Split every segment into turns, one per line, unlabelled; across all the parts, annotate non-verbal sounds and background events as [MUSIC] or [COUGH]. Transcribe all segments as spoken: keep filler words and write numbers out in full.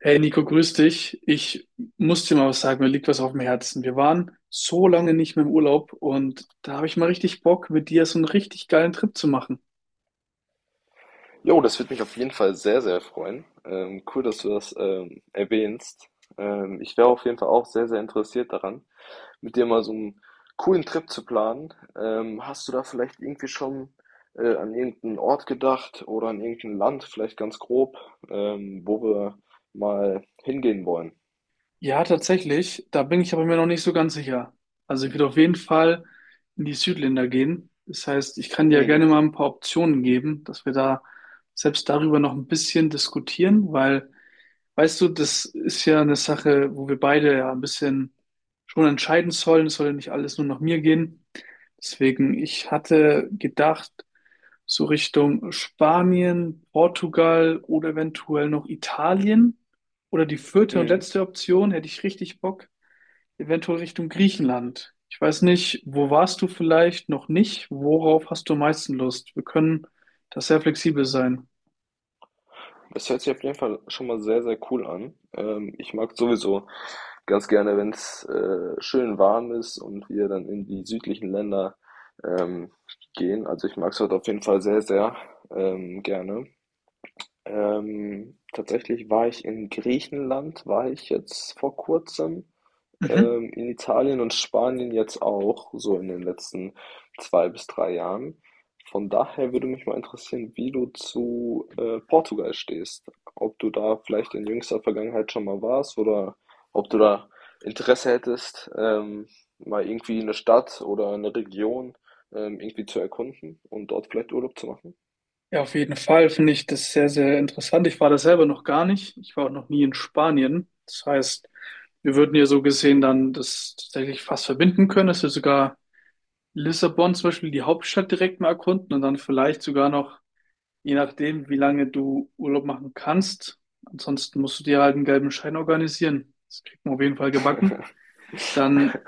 Hey Nico, grüß dich. Ich muss dir mal was sagen, mir liegt was auf dem Herzen. Wir waren so lange nicht mehr im Urlaub und da habe ich mal richtig Bock, mit dir so einen richtig geilen Trip zu machen.
Jo, das würde mich auf jeden Fall sehr, sehr freuen. Ähm, cool, dass du das ähm, erwähnst. Ähm, ich wäre auf jeden Fall auch sehr, sehr interessiert daran, mit dir mal so einen coolen Trip zu planen. Ähm, hast du da vielleicht irgendwie schon äh, an irgendeinen Ort gedacht oder an irgendein Land, vielleicht ganz grob, ähm, wo wir mal hingehen wollen?
Ja, tatsächlich, da bin ich aber mir noch nicht so ganz sicher. Also ich würde auf jeden Fall in die Südländer gehen. Das heißt, ich kann dir ja
Mhm.
gerne mal ein paar Optionen geben, dass wir da selbst darüber noch ein bisschen diskutieren, weil weißt du, das ist ja eine Sache, wo wir beide ja ein bisschen schon entscheiden sollen. Es soll ja nicht alles nur nach mir gehen. Deswegen, ich hatte gedacht, so Richtung Spanien, Portugal oder eventuell noch Italien. Oder die vierte und
Mhm.
letzte Option hätte ich richtig Bock, eventuell Richtung Griechenland. Ich weiß nicht, wo warst du vielleicht noch nicht? Worauf hast du am meisten Lust? Wir können da sehr flexibel sein.
Das hört sich auf jeden Fall schon mal sehr, sehr cool an. Ähm, ich mag sowieso ganz gerne, wenn es äh, schön warm ist und wir dann in die südlichen Länder ähm, gehen. Also ich mag es dort auf jeden Fall sehr, sehr ähm, gerne. Ähm, tatsächlich war ich in Griechenland, war ich jetzt vor kurzem,
Mhm.
ähm, in Italien und Spanien jetzt auch, so in den letzten zwei bis drei Jahren. Von daher würde mich mal interessieren, wie du zu äh, Portugal stehst. Ob du da vielleicht in jüngster Vergangenheit schon mal warst oder ob du da Interesse hättest, ähm, mal irgendwie eine Stadt oder eine Region ähm, irgendwie zu erkunden und dort vielleicht Urlaub zu machen.
Ja, auf jeden Fall finde ich das sehr, sehr interessant. Ich war da selber noch gar nicht. Ich war auch noch nie in Spanien. Das heißt, wir würden ja so gesehen dann das tatsächlich fast verbinden können, dass wir sogar Lissabon zum Beispiel, die Hauptstadt direkt mal erkunden und dann vielleicht sogar noch, je nachdem, wie lange du Urlaub machen kannst. Ansonsten musst du dir halt einen gelben Schein organisieren. Das kriegt man auf jeden Fall gebacken. Dann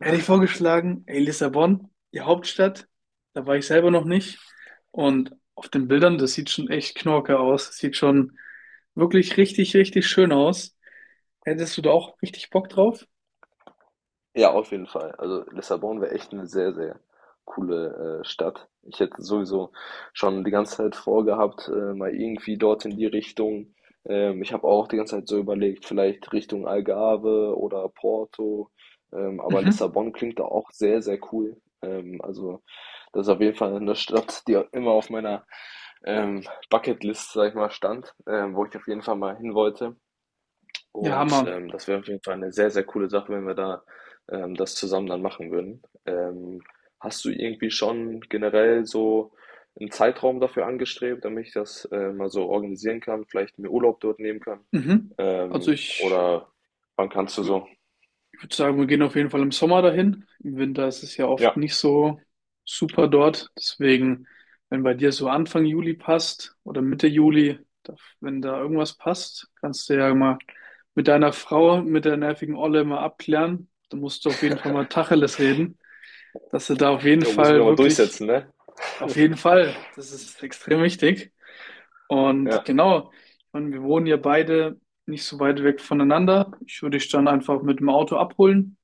hätte ich vorgeschlagen, ey, Lissabon, die Hauptstadt, da war ich selber noch nicht. Und auf den Bildern, das sieht schon echt knorke aus. Das sieht schon wirklich richtig, richtig schön aus. Hättest du da auch richtig Bock drauf?
Ja, auf jeden Fall. Also Lissabon wäre echt eine sehr, sehr coole äh, Stadt. Ich hätte sowieso schon die ganze Zeit vorgehabt, äh, mal irgendwie dort in die Richtung. Ähm, ich habe auch die ganze Zeit so überlegt, vielleicht Richtung Algarve oder Porto. Ähm, aber
Mhm.
Lissabon klingt da auch sehr, sehr cool. Ähm, also das ist auf jeden Fall eine Stadt, die immer auf meiner ähm, Bucketlist, sag ich mal, stand, ähm, wo ich auf jeden Fall mal hin wollte.
Ja,
Und
Hammer.
ähm, das wäre auf jeden Fall eine sehr, sehr coole Sache, wenn wir da ähm, das zusammen dann machen würden. Ähm, hast du irgendwie schon generell so einen Zeitraum dafür angestrebt, damit ich das äh, mal so organisieren kann, vielleicht mir Urlaub dort nehmen kann?
Mhm. Also
Ähm,
ich,
oder wann kannst du so?
Ich würde sagen, wir gehen auf jeden Fall im Sommer dahin. Im Winter ist es ja oft
Ja,
nicht so super dort. Deswegen, wenn bei dir so Anfang Juli passt oder Mitte Juli, da- wenn da irgendwas passt, kannst du ja mal mit deiner Frau, mit der nervigen Olle mal abklären. Da musst du auf jeden Fall mal Tacheles reden, dass du da auf jeden
jo, muss ich mir
Fall
mal
wirklich,
durchsetzen, ne?
auf jeden Fall, das ist [LAUGHS] extrem wichtig. Und
Ja.
genau, ich meine, wir wohnen ja beide nicht so weit weg voneinander. Ich würde dich dann einfach mit dem Auto abholen.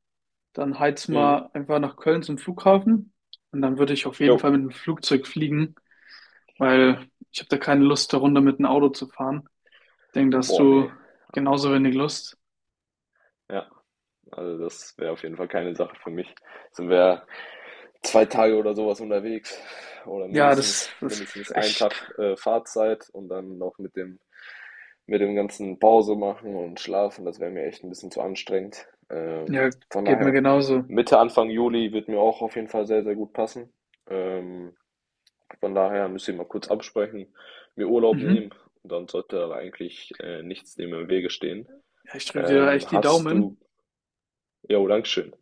Dann heiz
Mhm.
mal einfach nach Köln zum Flughafen und dann würde ich auf jeden Fall
Jo.
mit dem Flugzeug fliegen, weil ich habe da keine Lust, da runter mit dem Auto zu fahren. Ich denke, da hast
Boah,
du
nee.
genauso wenig Lust.
Ja, also das wäre auf jeden Fall keine Sache für mich. Sind wir zwei Tage oder sowas unterwegs oder
Ja, das,
mindestens
das
mindestens
ist
einen
echt,
Tag, äh, Fahrzeit und dann noch mit dem mit dem ganzen Pause machen und schlafen, das wäre mir echt ein bisschen zu anstrengend. Ähm,
ja,
von
geht mir
daher,
genauso.
Mitte, Anfang Juli wird mir auch auf jeden Fall sehr, sehr gut passen. Ähm, von daher müsst ihr mal kurz absprechen, mir Urlaub
Mhm.
nehmen und dann sollte da eigentlich, äh, nichts dem im Wege stehen.
Ja, ich drücke dir da echt
Ähm,
die
hast du
Daumen.
Ja, danke schön.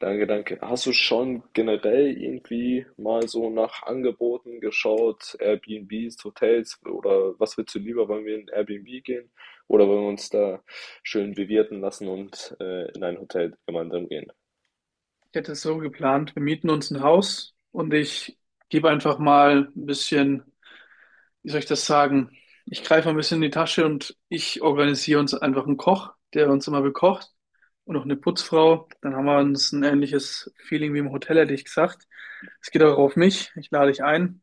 Danke, danke. Hast du schon generell irgendwie mal so nach Angeboten geschaut, Airbnbs, Hotels oder was willst du lieber? Wollen wir in Airbnb gehen oder wollen wir uns da schön bewirten lassen und äh, in ein Hotel gemeinsam gehen?
Ich hätte es so geplant, wir mieten uns ein Haus und ich gebe einfach mal ein bisschen, wie soll ich das sagen? Ich greife mal ein bisschen in die Tasche und ich organisiere uns einfach einen Koch, der uns immer bekocht und noch eine Putzfrau. Dann haben wir uns ein ähnliches Feeling wie im Hotel, hätte ich gesagt. Es geht auch auf mich. Ich lade dich ein.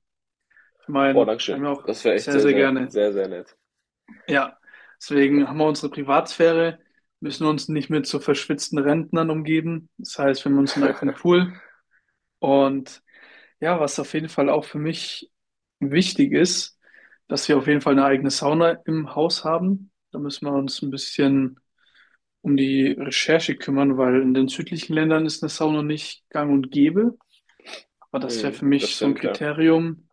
Ich
Boah,
meine, wir
Dankeschön.
haben ja auch
Das wäre echt
sehr,
sehr,
sehr
sehr,
gerne.
sehr, sehr nett.
Ja, deswegen haben wir unsere Privatsphäre, müssen uns nicht mit so verschwitzten Rentnern umgeben. Das heißt, wir haben unseren eigenen
[LAUGHS]
Pool und ja, was auf jeden Fall auch für mich wichtig ist, dass wir auf jeden Fall eine eigene Sauna im Haus haben. Da müssen wir uns ein bisschen um die Recherche kümmern, weil in den südlichen Ländern ist eine Sauna nicht gang und gäbe. Aber das wäre
Mhm,
für
das
mich so ein
stimmt, ja.
Kriterium,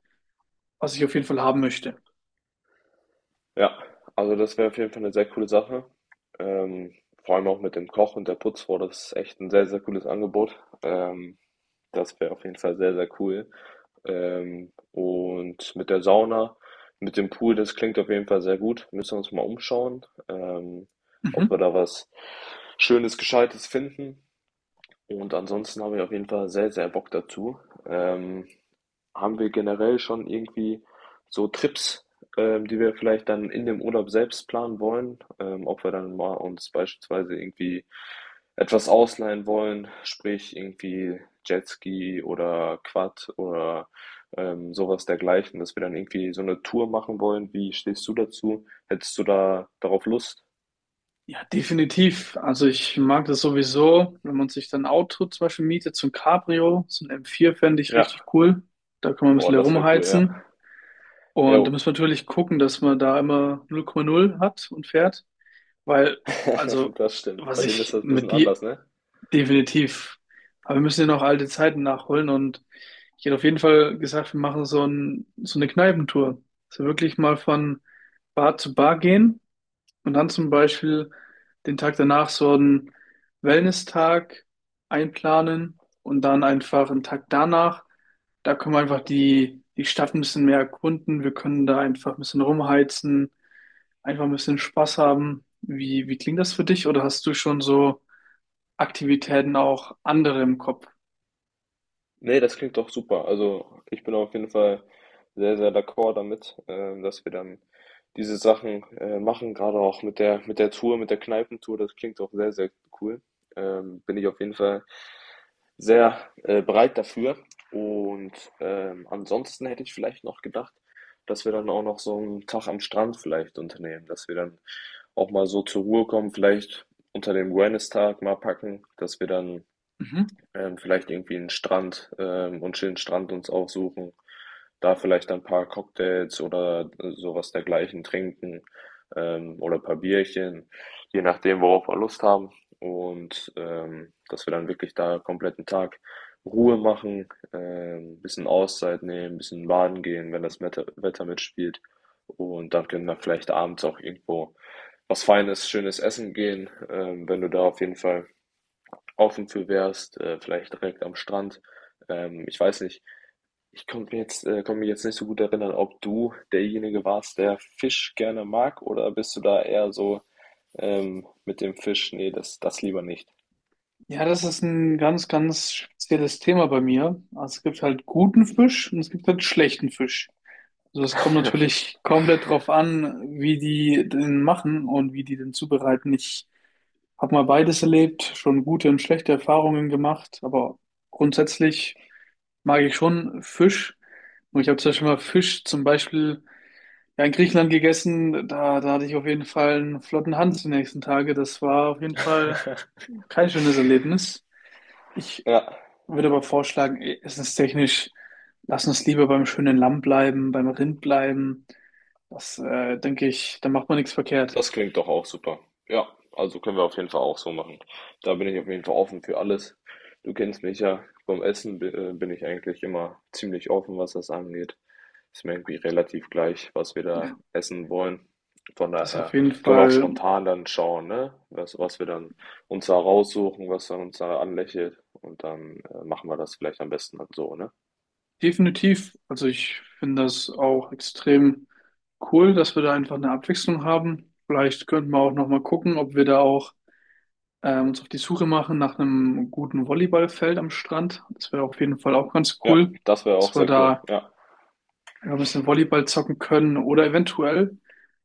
was ich auf jeden Fall haben möchte.
Ja, also das wäre auf jeden Fall eine sehr coole Sache. Ähm, Vor allem auch mit dem Koch und der Putzfrau, das ist echt ein sehr, sehr cooles Angebot. Ähm, Das wäre auf jeden Fall sehr, sehr cool. Ähm, und mit der Sauna, mit dem Pool, das klingt auf jeden Fall sehr gut. Müssen wir uns mal umschauen, ähm, ob wir
Mhm.
da was Schönes, Gescheites finden. Und ansonsten habe ich auf jeden Fall sehr, sehr Bock dazu. Ähm, Haben wir generell schon irgendwie so Trips, ähm, die wir vielleicht dann in dem Urlaub selbst planen wollen, ähm, ob wir dann mal uns beispielsweise irgendwie etwas ausleihen wollen, sprich irgendwie Jetski oder Quad oder ähm, sowas dergleichen, dass wir dann irgendwie so eine Tour machen wollen. Wie stehst du dazu? Hättest du da darauf Lust?
Ja, definitiv. Also ich mag das sowieso, wenn man sich dann ein Auto zum Beispiel mietet, so ein Cabrio, so ein m vier fände ich richtig
Ja.
cool. Da kann man ein
Oh,
bisschen
das wäre cool, ja.
herumheizen.
Jo,
Und da muss man natürlich gucken, dass man da immer null Komma null hat und fährt, weil,
[LAUGHS]
also,
das stimmt.
was
Bei denen ist
ich
das ein bisschen
mit die
anders, ne?
definitiv, aber wir müssen ja noch alte Zeiten nachholen und ich hätte auf jeden Fall gesagt, wir machen so ein, so eine Kneipentour. Also wirklich mal von Bar zu Bar gehen und dann zum Beispiel den Tag danach so einen Wellness-Tag einplanen und dann einfach einen Tag danach. Da können wir einfach die, die Stadt ein bisschen mehr erkunden. Wir können da einfach ein bisschen rumheizen, einfach ein bisschen Spaß haben. Wie, wie klingt das für dich? Oder hast du schon so Aktivitäten auch andere im Kopf?
Ne, das klingt doch super. Also, ich bin auf jeden Fall sehr, sehr d'accord damit, ähm, dass wir dann diese Sachen äh, machen, gerade auch mit der mit der Tour, mit der Kneipentour. Das klingt auch sehr, sehr cool. Ähm, bin ich auf jeden Fall sehr äh, bereit dafür. Und ähm, ansonsten hätte ich vielleicht noch gedacht, dass wir dann auch noch so einen Tag am Strand vielleicht unternehmen, dass wir dann auch mal so zur Ruhe kommen, vielleicht unter dem Wellness-Tag mal packen, dass wir dann
Mhm.
ähm, vielleicht irgendwie einen Strand, ähm und schönen Strand uns aufsuchen. Da vielleicht ein paar Cocktails oder äh, sowas dergleichen trinken, ähm, oder ein paar Bierchen, je nachdem, worauf wir Lust haben. Und, ähm, dass wir dann wirklich da einen kompletten Tag Ruhe machen, ähm, bisschen Auszeit nehmen, bisschen baden gehen, wenn das Wetter Wetter mitspielt. Und dann können wir vielleicht abends auch irgendwo was Feines, schönes essen gehen, ähm, wenn du da auf jeden Fall offen für wärst, äh, vielleicht direkt am Strand. Ähm, ich weiß nicht. Ich konnte mir jetzt, äh, konnte mich jetzt nicht so gut erinnern, ob du derjenige warst, der Fisch gerne mag, oder bist du da eher so ähm, mit dem Fisch? Nee, das, das lieber nicht.
Ja, das ist ein ganz, ganz spezielles Thema bei mir. Also es gibt halt guten Fisch und es gibt halt schlechten Fisch. Also es kommt natürlich komplett drauf an, wie die den machen und wie die den zubereiten. Ich habe mal beides erlebt, schon gute und schlechte Erfahrungen gemacht, aber grundsätzlich mag ich schon Fisch. Und ich habe zum Beispiel mal Fisch zum Beispiel ja, in Griechenland gegessen. Da, da hatte ich auf jeden Fall einen flotten Hans die nächsten Tage. Das war auf jeden Fall kein schönes Erlebnis. Ich
Ja,
würde aber vorschlagen, ist es ist technisch, lass uns lieber beim schönen Lamm bleiben, beim Rind bleiben. Das, äh, denke ich, da macht man nichts verkehrt.
das klingt doch auch super. Ja, also können wir auf jeden Fall auch so machen. Da bin ich auf jeden Fall offen für alles. Du kennst mich ja, beim Essen bi- äh, bin ich eigentlich immer ziemlich offen, was das angeht. Ist mir irgendwie relativ gleich, was wir da essen wollen. Von
Das ist auf
daher
jeden
können wir auch
Fall
spontan dann schauen, ne? Was, was wir dann uns da raussuchen, was dann uns da anlächelt. Und dann äh, machen wir das vielleicht am besten dann so, ne?
definitiv. Also ich finde das auch extrem cool, dass wir da einfach eine Abwechslung haben. Vielleicht könnten wir auch nochmal gucken, ob wir da auch äh, uns auf die Suche machen nach einem guten Volleyballfeld am Strand. Das wäre auf jeden Fall auch ganz
Ja,
cool,
das wäre auch
dass wir
sehr cool.
da
Ja.
ja, ein bisschen Volleyball zocken können oder eventuell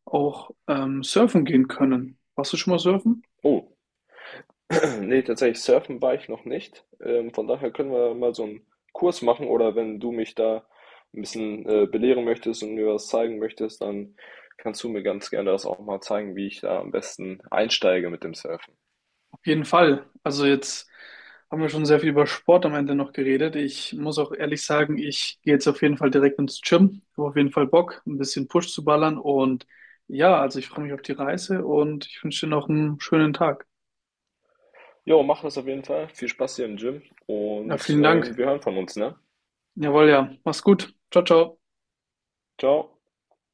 auch ähm, surfen gehen können. Warst du schon mal surfen?
Oh, [CLEARS THROAT] nee, tatsächlich surfen war ich noch nicht. Ähm, von daher können wir mal so einen Kurs machen oder wenn du mich da ein bisschen äh, belehren möchtest und mir was zeigen möchtest, dann kannst du mir ganz gerne das auch mal zeigen, wie ich da am besten einsteige mit dem Surfen.
Auf jeden Fall. Also jetzt haben wir schon sehr viel über Sport am Ende noch geredet. Ich muss auch ehrlich sagen, ich gehe jetzt auf jeden Fall direkt ins Gym. Habe auf jeden Fall Bock, ein bisschen Push zu ballern. Und ja, also ich freue mich auf die Reise und ich wünsche dir noch einen schönen Tag.
Jo, mach das auf jeden Fall. Viel Spaß hier im Gym
Ja,
und
vielen
ähm,
Dank.
wir hören von uns, ne?
Jawohl, ja. Mach's gut. Ciao, ciao.
Ciao.